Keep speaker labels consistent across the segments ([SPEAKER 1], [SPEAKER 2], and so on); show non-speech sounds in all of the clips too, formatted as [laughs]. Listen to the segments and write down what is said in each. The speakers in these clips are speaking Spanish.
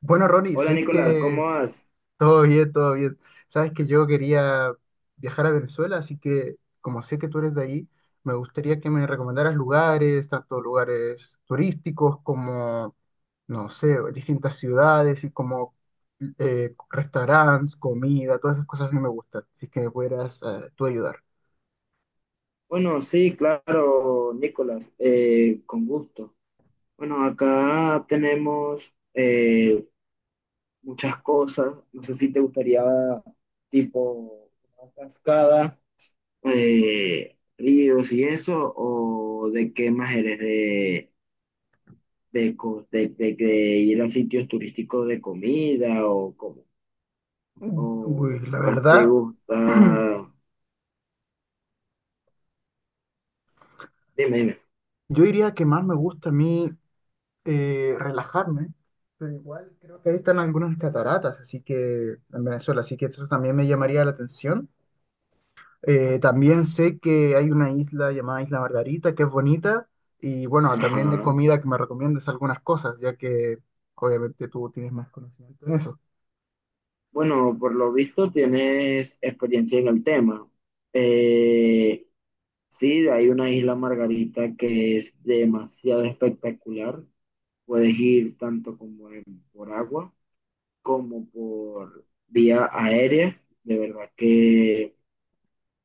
[SPEAKER 1] Bueno, Ronnie,
[SPEAKER 2] Hola
[SPEAKER 1] sabéis
[SPEAKER 2] Nicolás, ¿cómo
[SPEAKER 1] que
[SPEAKER 2] vas?
[SPEAKER 1] todo bien, todo bien. Sabes que yo quería viajar a Venezuela, así que como sé que tú eres de ahí, me gustaría que me recomendaras lugares, tanto lugares turísticos como, no sé, distintas ciudades y como restaurantes, comida, todas esas cosas a mí me gustan. Así que me pudieras tú ayudar.
[SPEAKER 2] Bueno, sí, claro, Nicolás, con gusto. Bueno, acá tenemos muchas cosas. No sé si te gustaría tipo una cascada, ríos y eso, o de qué más eres de ir a sitios turísticos de comida o cómo,
[SPEAKER 1] Uy,
[SPEAKER 2] o
[SPEAKER 1] la
[SPEAKER 2] más te
[SPEAKER 1] verdad,
[SPEAKER 2] gusta. Dime, dime.
[SPEAKER 1] [clears throat] yo diría que más me gusta a mí. Relajarme, pero igual creo que ahí están algunas cataratas, así que en Venezuela, así que eso también me llamaría la atención. También sé que hay una isla llamada Isla Margarita, que es bonita, y bueno, también de
[SPEAKER 2] Ajá.
[SPEAKER 1] comida que me recomiendes algunas cosas, ya que obviamente tú tienes más conocimiento en eso.
[SPEAKER 2] Bueno, por lo visto tienes experiencia en el tema. Eh, sí, hay una isla Margarita que es demasiado espectacular. Puedes ir tanto por agua como por vía aérea. De verdad que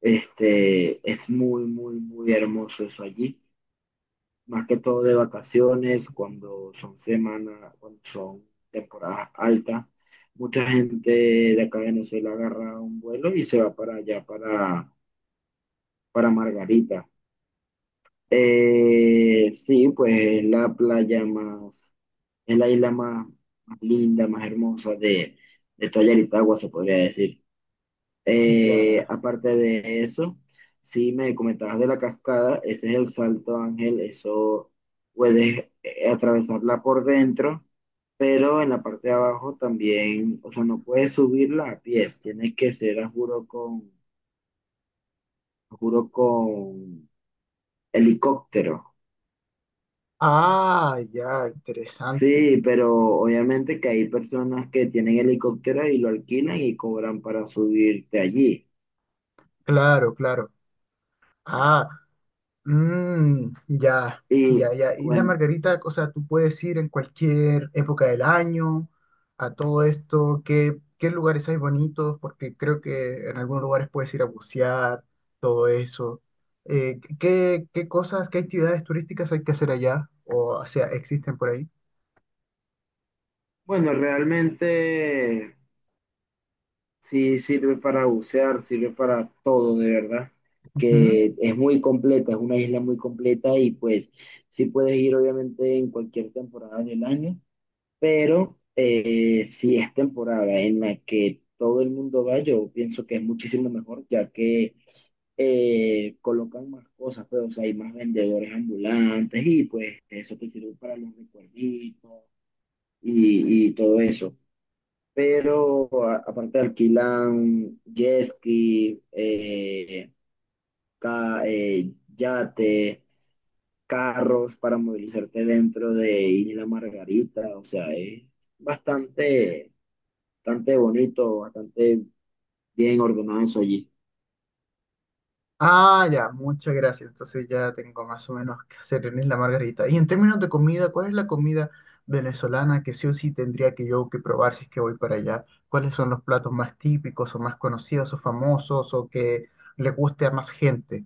[SPEAKER 2] este, es muy, muy, muy hermoso eso allí, más que todo de vacaciones, cuando son semanas, cuando son temporadas altas. Mucha gente de acá de Venezuela agarra un vuelo y se va para allá, para Margarita. Sí, pues es la playa más, es la isla más, más linda, más hermosa de toda Yaritagua, se podría decir.
[SPEAKER 1] Ya.
[SPEAKER 2] Aparte de eso, si me comentabas de la cascada, ese es el Salto Ángel. Eso puedes atravesarla por dentro, pero en la parte de abajo también, o sea, no puedes subirla a pies, tienes que ser, a juro, con helicóptero.
[SPEAKER 1] Ah, ya, interesante.
[SPEAKER 2] Sí, pero obviamente que hay personas que tienen helicóptero y lo alquilan y cobran para subirte allí.
[SPEAKER 1] Claro, claro. Ah, mm, ya,
[SPEAKER 2] Y
[SPEAKER 1] ya, ya. Y la
[SPEAKER 2] bueno,
[SPEAKER 1] margarita, o sea, tú puedes ir en cualquier época del año a todo esto. ¿Qué, qué lugares hay bonitos? Porque creo que en algunos lugares puedes ir a bucear, todo eso. ¿Qué, qué cosas, qué actividades turísticas hay que hacer allá? O sea, existen por
[SPEAKER 2] bueno, realmente... Sí, sirve para bucear, sirve para todo, de verdad,
[SPEAKER 1] ahí.
[SPEAKER 2] que es muy completa, es una isla muy completa, y pues sí, puedes ir obviamente en cualquier temporada del año, pero si es temporada en la que todo el mundo va, yo pienso que es muchísimo mejor, ya que colocan más cosas, pues, o sea, hay más vendedores ambulantes y pues eso te sirve para los recuerditos y todo eso, pero aparte alquilan jet ski, yate, carros para movilizarte dentro de Isla Margarita, o sea, es bastante, bastante bonito, bastante bien ordenado eso allí.
[SPEAKER 1] Ah, ya, muchas gracias. Entonces ya tengo más o menos que hacer en Isla Margarita. Y en términos de comida, ¿cuál es la comida venezolana que sí o sí tendría que yo que probar si es que voy para allá? ¿Cuáles son los platos más típicos o más conocidos o famosos o que le guste a más gente?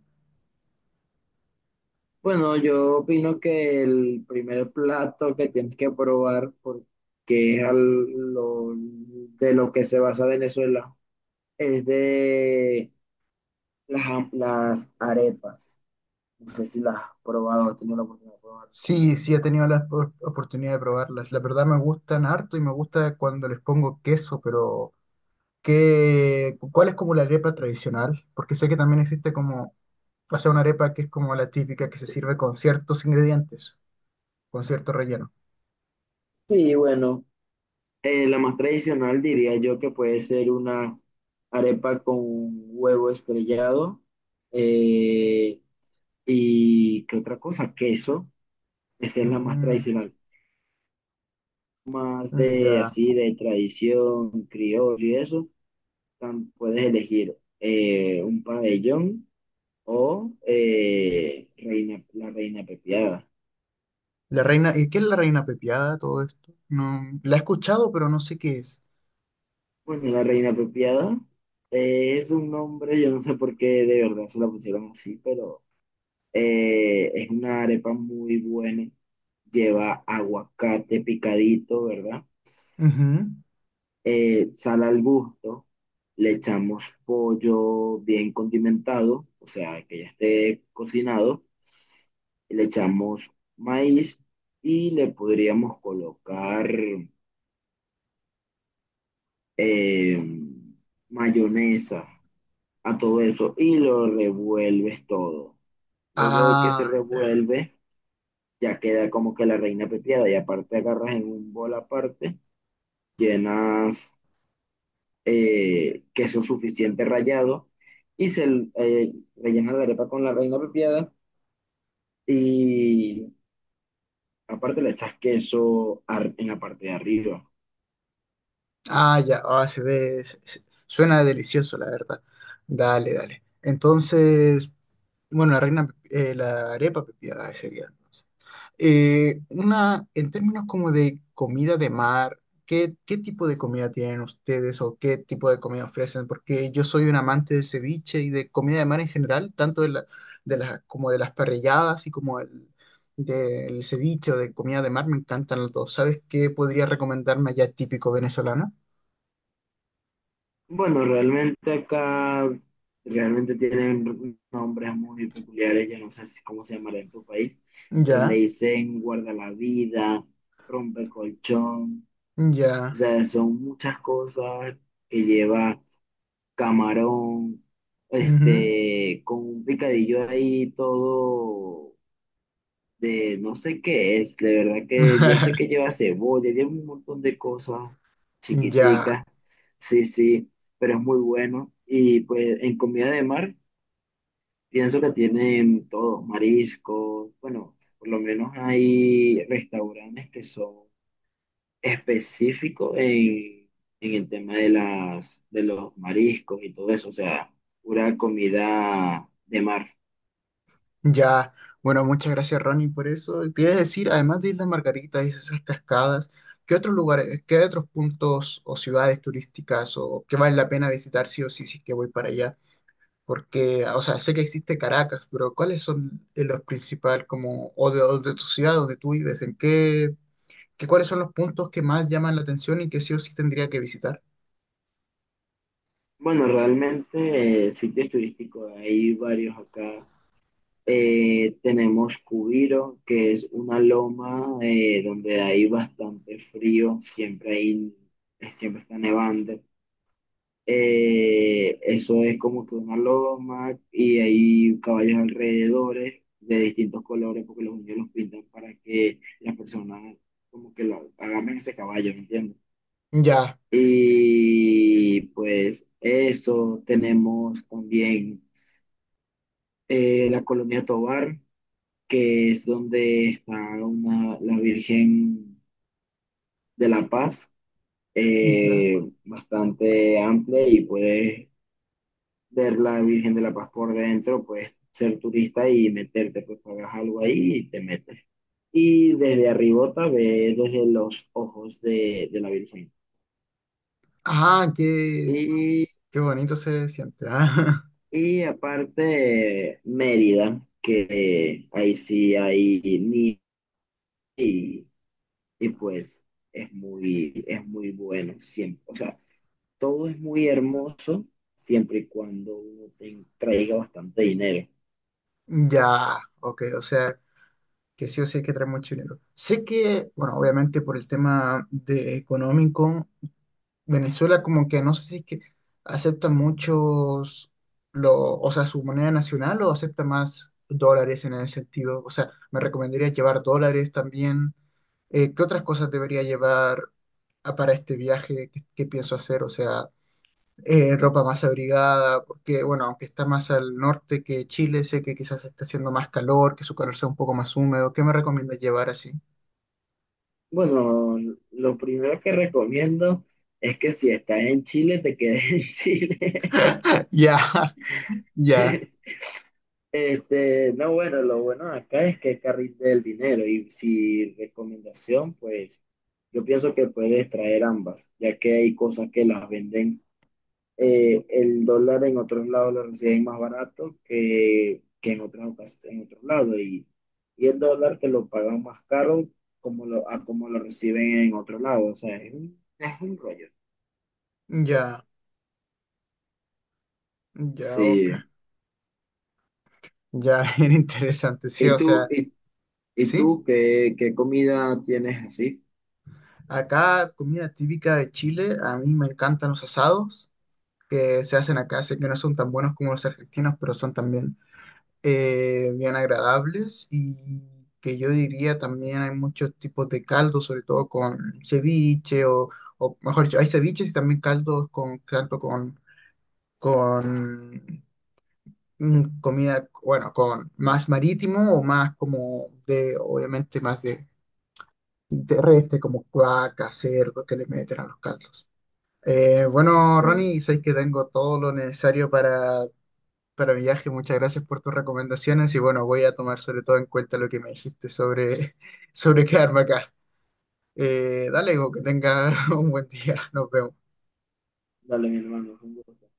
[SPEAKER 2] Bueno, yo opino que el primer plato que tienes que probar, porque es de lo que se basa Venezuela, es de las arepas. No sé si la has probado, has tenido la oportunidad de probar.
[SPEAKER 1] Sí, sí he tenido la oportunidad de probarlas. La verdad me gustan harto y me gusta cuando les pongo queso, pero ¿qué, cuál es como la arepa tradicional? Porque sé que también existe como, o sea, una arepa que es como la típica que se sirve con ciertos ingredientes, con cierto relleno.
[SPEAKER 2] Sí, bueno, la más tradicional diría yo que puede ser una arepa con huevo estrellado eh, y ¿qué otra cosa? Queso. Esa es la más
[SPEAKER 1] Mm,
[SPEAKER 2] tradicional. Más
[SPEAKER 1] mm,
[SPEAKER 2] de
[SPEAKER 1] ya.
[SPEAKER 2] así de tradición criollo y eso, puedes elegir un pabellón o reina, la reina pepiada.
[SPEAKER 1] La reina, ¿y qué es la reina pepiada, todo esto? No, la he escuchado, pero no sé qué es.
[SPEAKER 2] Bueno, la reina apropiada, es un nombre, yo no sé por qué de verdad se la pusieron así, pero es una arepa muy buena. Lleva aguacate picadito, ¿verdad?
[SPEAKER 1] Ujú.
[SPEAKER 2] Sal al gusto. Le echamos pollo bien condimentado, o sea, que ya esté cocinado. Y le echamos maíz y le podríamos colocar eh, mayonesa a todo eso y lo revuelves todo. Luego de que se
[SPEAKER 1] Ah, ya.
[SPEAKER 2] revuelve, ya queda como que la reina pepiada, y aparte agarras en un bol aparte, llenas queso suficiente rallado y se rellena la arepa con la reina pepiada, y aparte le echas en la parte de arriba.
[SPEAKER 1] Ah, ya. Ah, se ve. Suena delicioso, la verdad. Dale, dale. Entonces, bueno, la reina, la arepa pepiada sería. Una, en términos como de comida de mar, ¿qué, qué tipo de comida tienen ustedes o qué tipo de comida ofrecen? Porque yo soy un amante del ceviche y de comida de mar en general, tanto de las, como de las parrilladas y como el, del ceviche o de comida de mar, me encantan los dos. ¿Sabes qué podría recomendarme allá típico venezolano?
[SPEAKER 2] Bueno, realmente acá realmente tienen nombres muy peculiares, yo no sé cómo se llamará en tu país, pero le
[SPEAKER 1] Ya,
[SPEAKER 2] dicen guarda la vida, rompe colchón,
[SPEAKER 1] ya,
[SPEAKER 2] o sea, son muchas cosas que lleva camarón,
[SPEAKER 1] ujú.
[SPEAKER 2] este, con un picadillo ahí todo de no sé qué es, de verdad que yo sé que
[SPEAKER 1] [laughs]
[SPEAKER 2] lleva cebolla, lleva un montón de cosas
[SPEAKER 1] Ya.
[SPEAKER 2] chiquiticas, sí, sí, pero es muy bueno. Y pues en comida de mar, pienso que tienen todo, mariscos. Bueno, por lo menos hay restaurantes que son específicos en el tema de los mariscos y todo eso, o sea, pura comida de mar.
[SPEAKER 1] Ya, bueno, muchas gracias Ronnie por eso. Te iba a decir, además de Islas Margaritas y esas cascadas, ¿qué otros lugares, qué otros puntos o ciudades turísticas o que vale la pena visitar sí o sí si es que voy para allá? Porque, o sea, sé que existe Caracas, pero ¿cuáles son los principales como, o de tu ciudad donde tú vives? ¿En qué, qué, cuáles son los puntos que más llaman la atención y que sí o sí tendría que visitar?
[SPEAKER 2] Bueno, realmente sitios turísticos hay varios acá. Tenemos Cubiro, que es una loma donde hay bastante frío, siempre hay, siempre está nevando. Eso es como que una loma y hay caballos alrededores de distintos colores porque los niños los pintan para que las personas como que lo agarren ese caballo, ¿me entiendes?
[SPEAKER 1] Ya,
[SPEAKER 2] Y pues eso, tenemos también la colonia Tovar, que es donde está una, la Virgen de la Paz,
[SPEAKER 1] ya.
[SPEAKER 2] eh, bastante amplia, y puedes ver la Virgen de la Paz por dentro, puedes ser turista y meterte, pues pagas algo ahí y te metes. Y desde arribota ves desde los ojos de la Virgen.
[SPEAKER 1] Ah, qué,
[SPEAKER 2] Y,
[SPEAKER 1] qué bonito se siente. Ah. [laughs]
[SPEAKER 2] y aparte Mérida, que ahí sí hay nieve y, y pues es muy bueno siempre. O sea, todo es muy hermoso siempre y cuando uno te traiga bastante dinero.
[SPEAKER 1] Ya, ok, o sea. Que sí o sí hay que traer muy chileno. Sé que, bueno, obviamente por el tema de económico, Venezuela como que no sé si es que acepta muchos, lo, o sea, su moneda nacional o acepta más dólares en ese sentido. O sea, me recomendaría llevar dólares también. ¿Qué otras cosas debería llevar para este viaje que pienso hacer? O sea, ropa más abrigada, porque bueno, aunque está más al norte que Chile, sé que quizás está haciendo más calor, que su calor sea un poco más húmedo. ¿Qué me recomiendas llevar así? [laughs]
[SPEAKER 2] Bueno, lo primero que recomiendo es que si estás en Chile, te quedes en Chile.
[SPEAKER 1] Ya, ya,
[SPEAKER 2] [laughs] Este, no, bueno, lo bueno de acá es que es carril del dinero, y si recomendación, pues yo pienso que puedes traer ambas, ya que hay cosas que las venden, el dólar en otros lados lo reciben más barato que en en otros lados. Y el dólar te lo pagan más caro como lo, a como lo reciben en otro lado. O sea, es un rollo.
[SPEAKER 1] ya, ya,
[SPEAKER 2] Sí.
[SPEAKER 1] oca. Ya, [laughs] bien interesante, sí,
[SPEAKER 2] ¿Y
[SPEAKER 1] o
[SPEAKER 2] tú,
[SPEAKER 1] sea,
[SPEAKER 2] y, y
[SPEAKER 1] sí.
[SPEAKER 2] tú qué, qué comida tienes así?
[SPEAKER 1] Acá, comida típica de Chile, a mí me encantan los asados que se hacen acá, sé que no son tan buenos como los argentinos, pero son también bien agradables y que yo diría también hay muchos tipos de caldo, sobre todo con ceviche o mejor dicho, hay ceviches y también caldos con, caldo con mm, comida, bueno, con más marítimo o más como de, obviamente más de, terrestre como cuaca, cerdo que le meten a los caldos. Bueno,
[SPEAKER 2] Ok.
[SPEAKER 1] Ronnie, sé que tengo todo lo necesario para mi viaje, muchas gracias por tus recomendaciones y bueno, voy a tomar sobre todo en cuenta lo que me dijiste sobre, [laughs] sobre quedarme acá. Dale, Hugo, que tenga [laughs] un buen día. Nos vemos.
[SPEAKER 2] Dale, mi hermano, un gusto.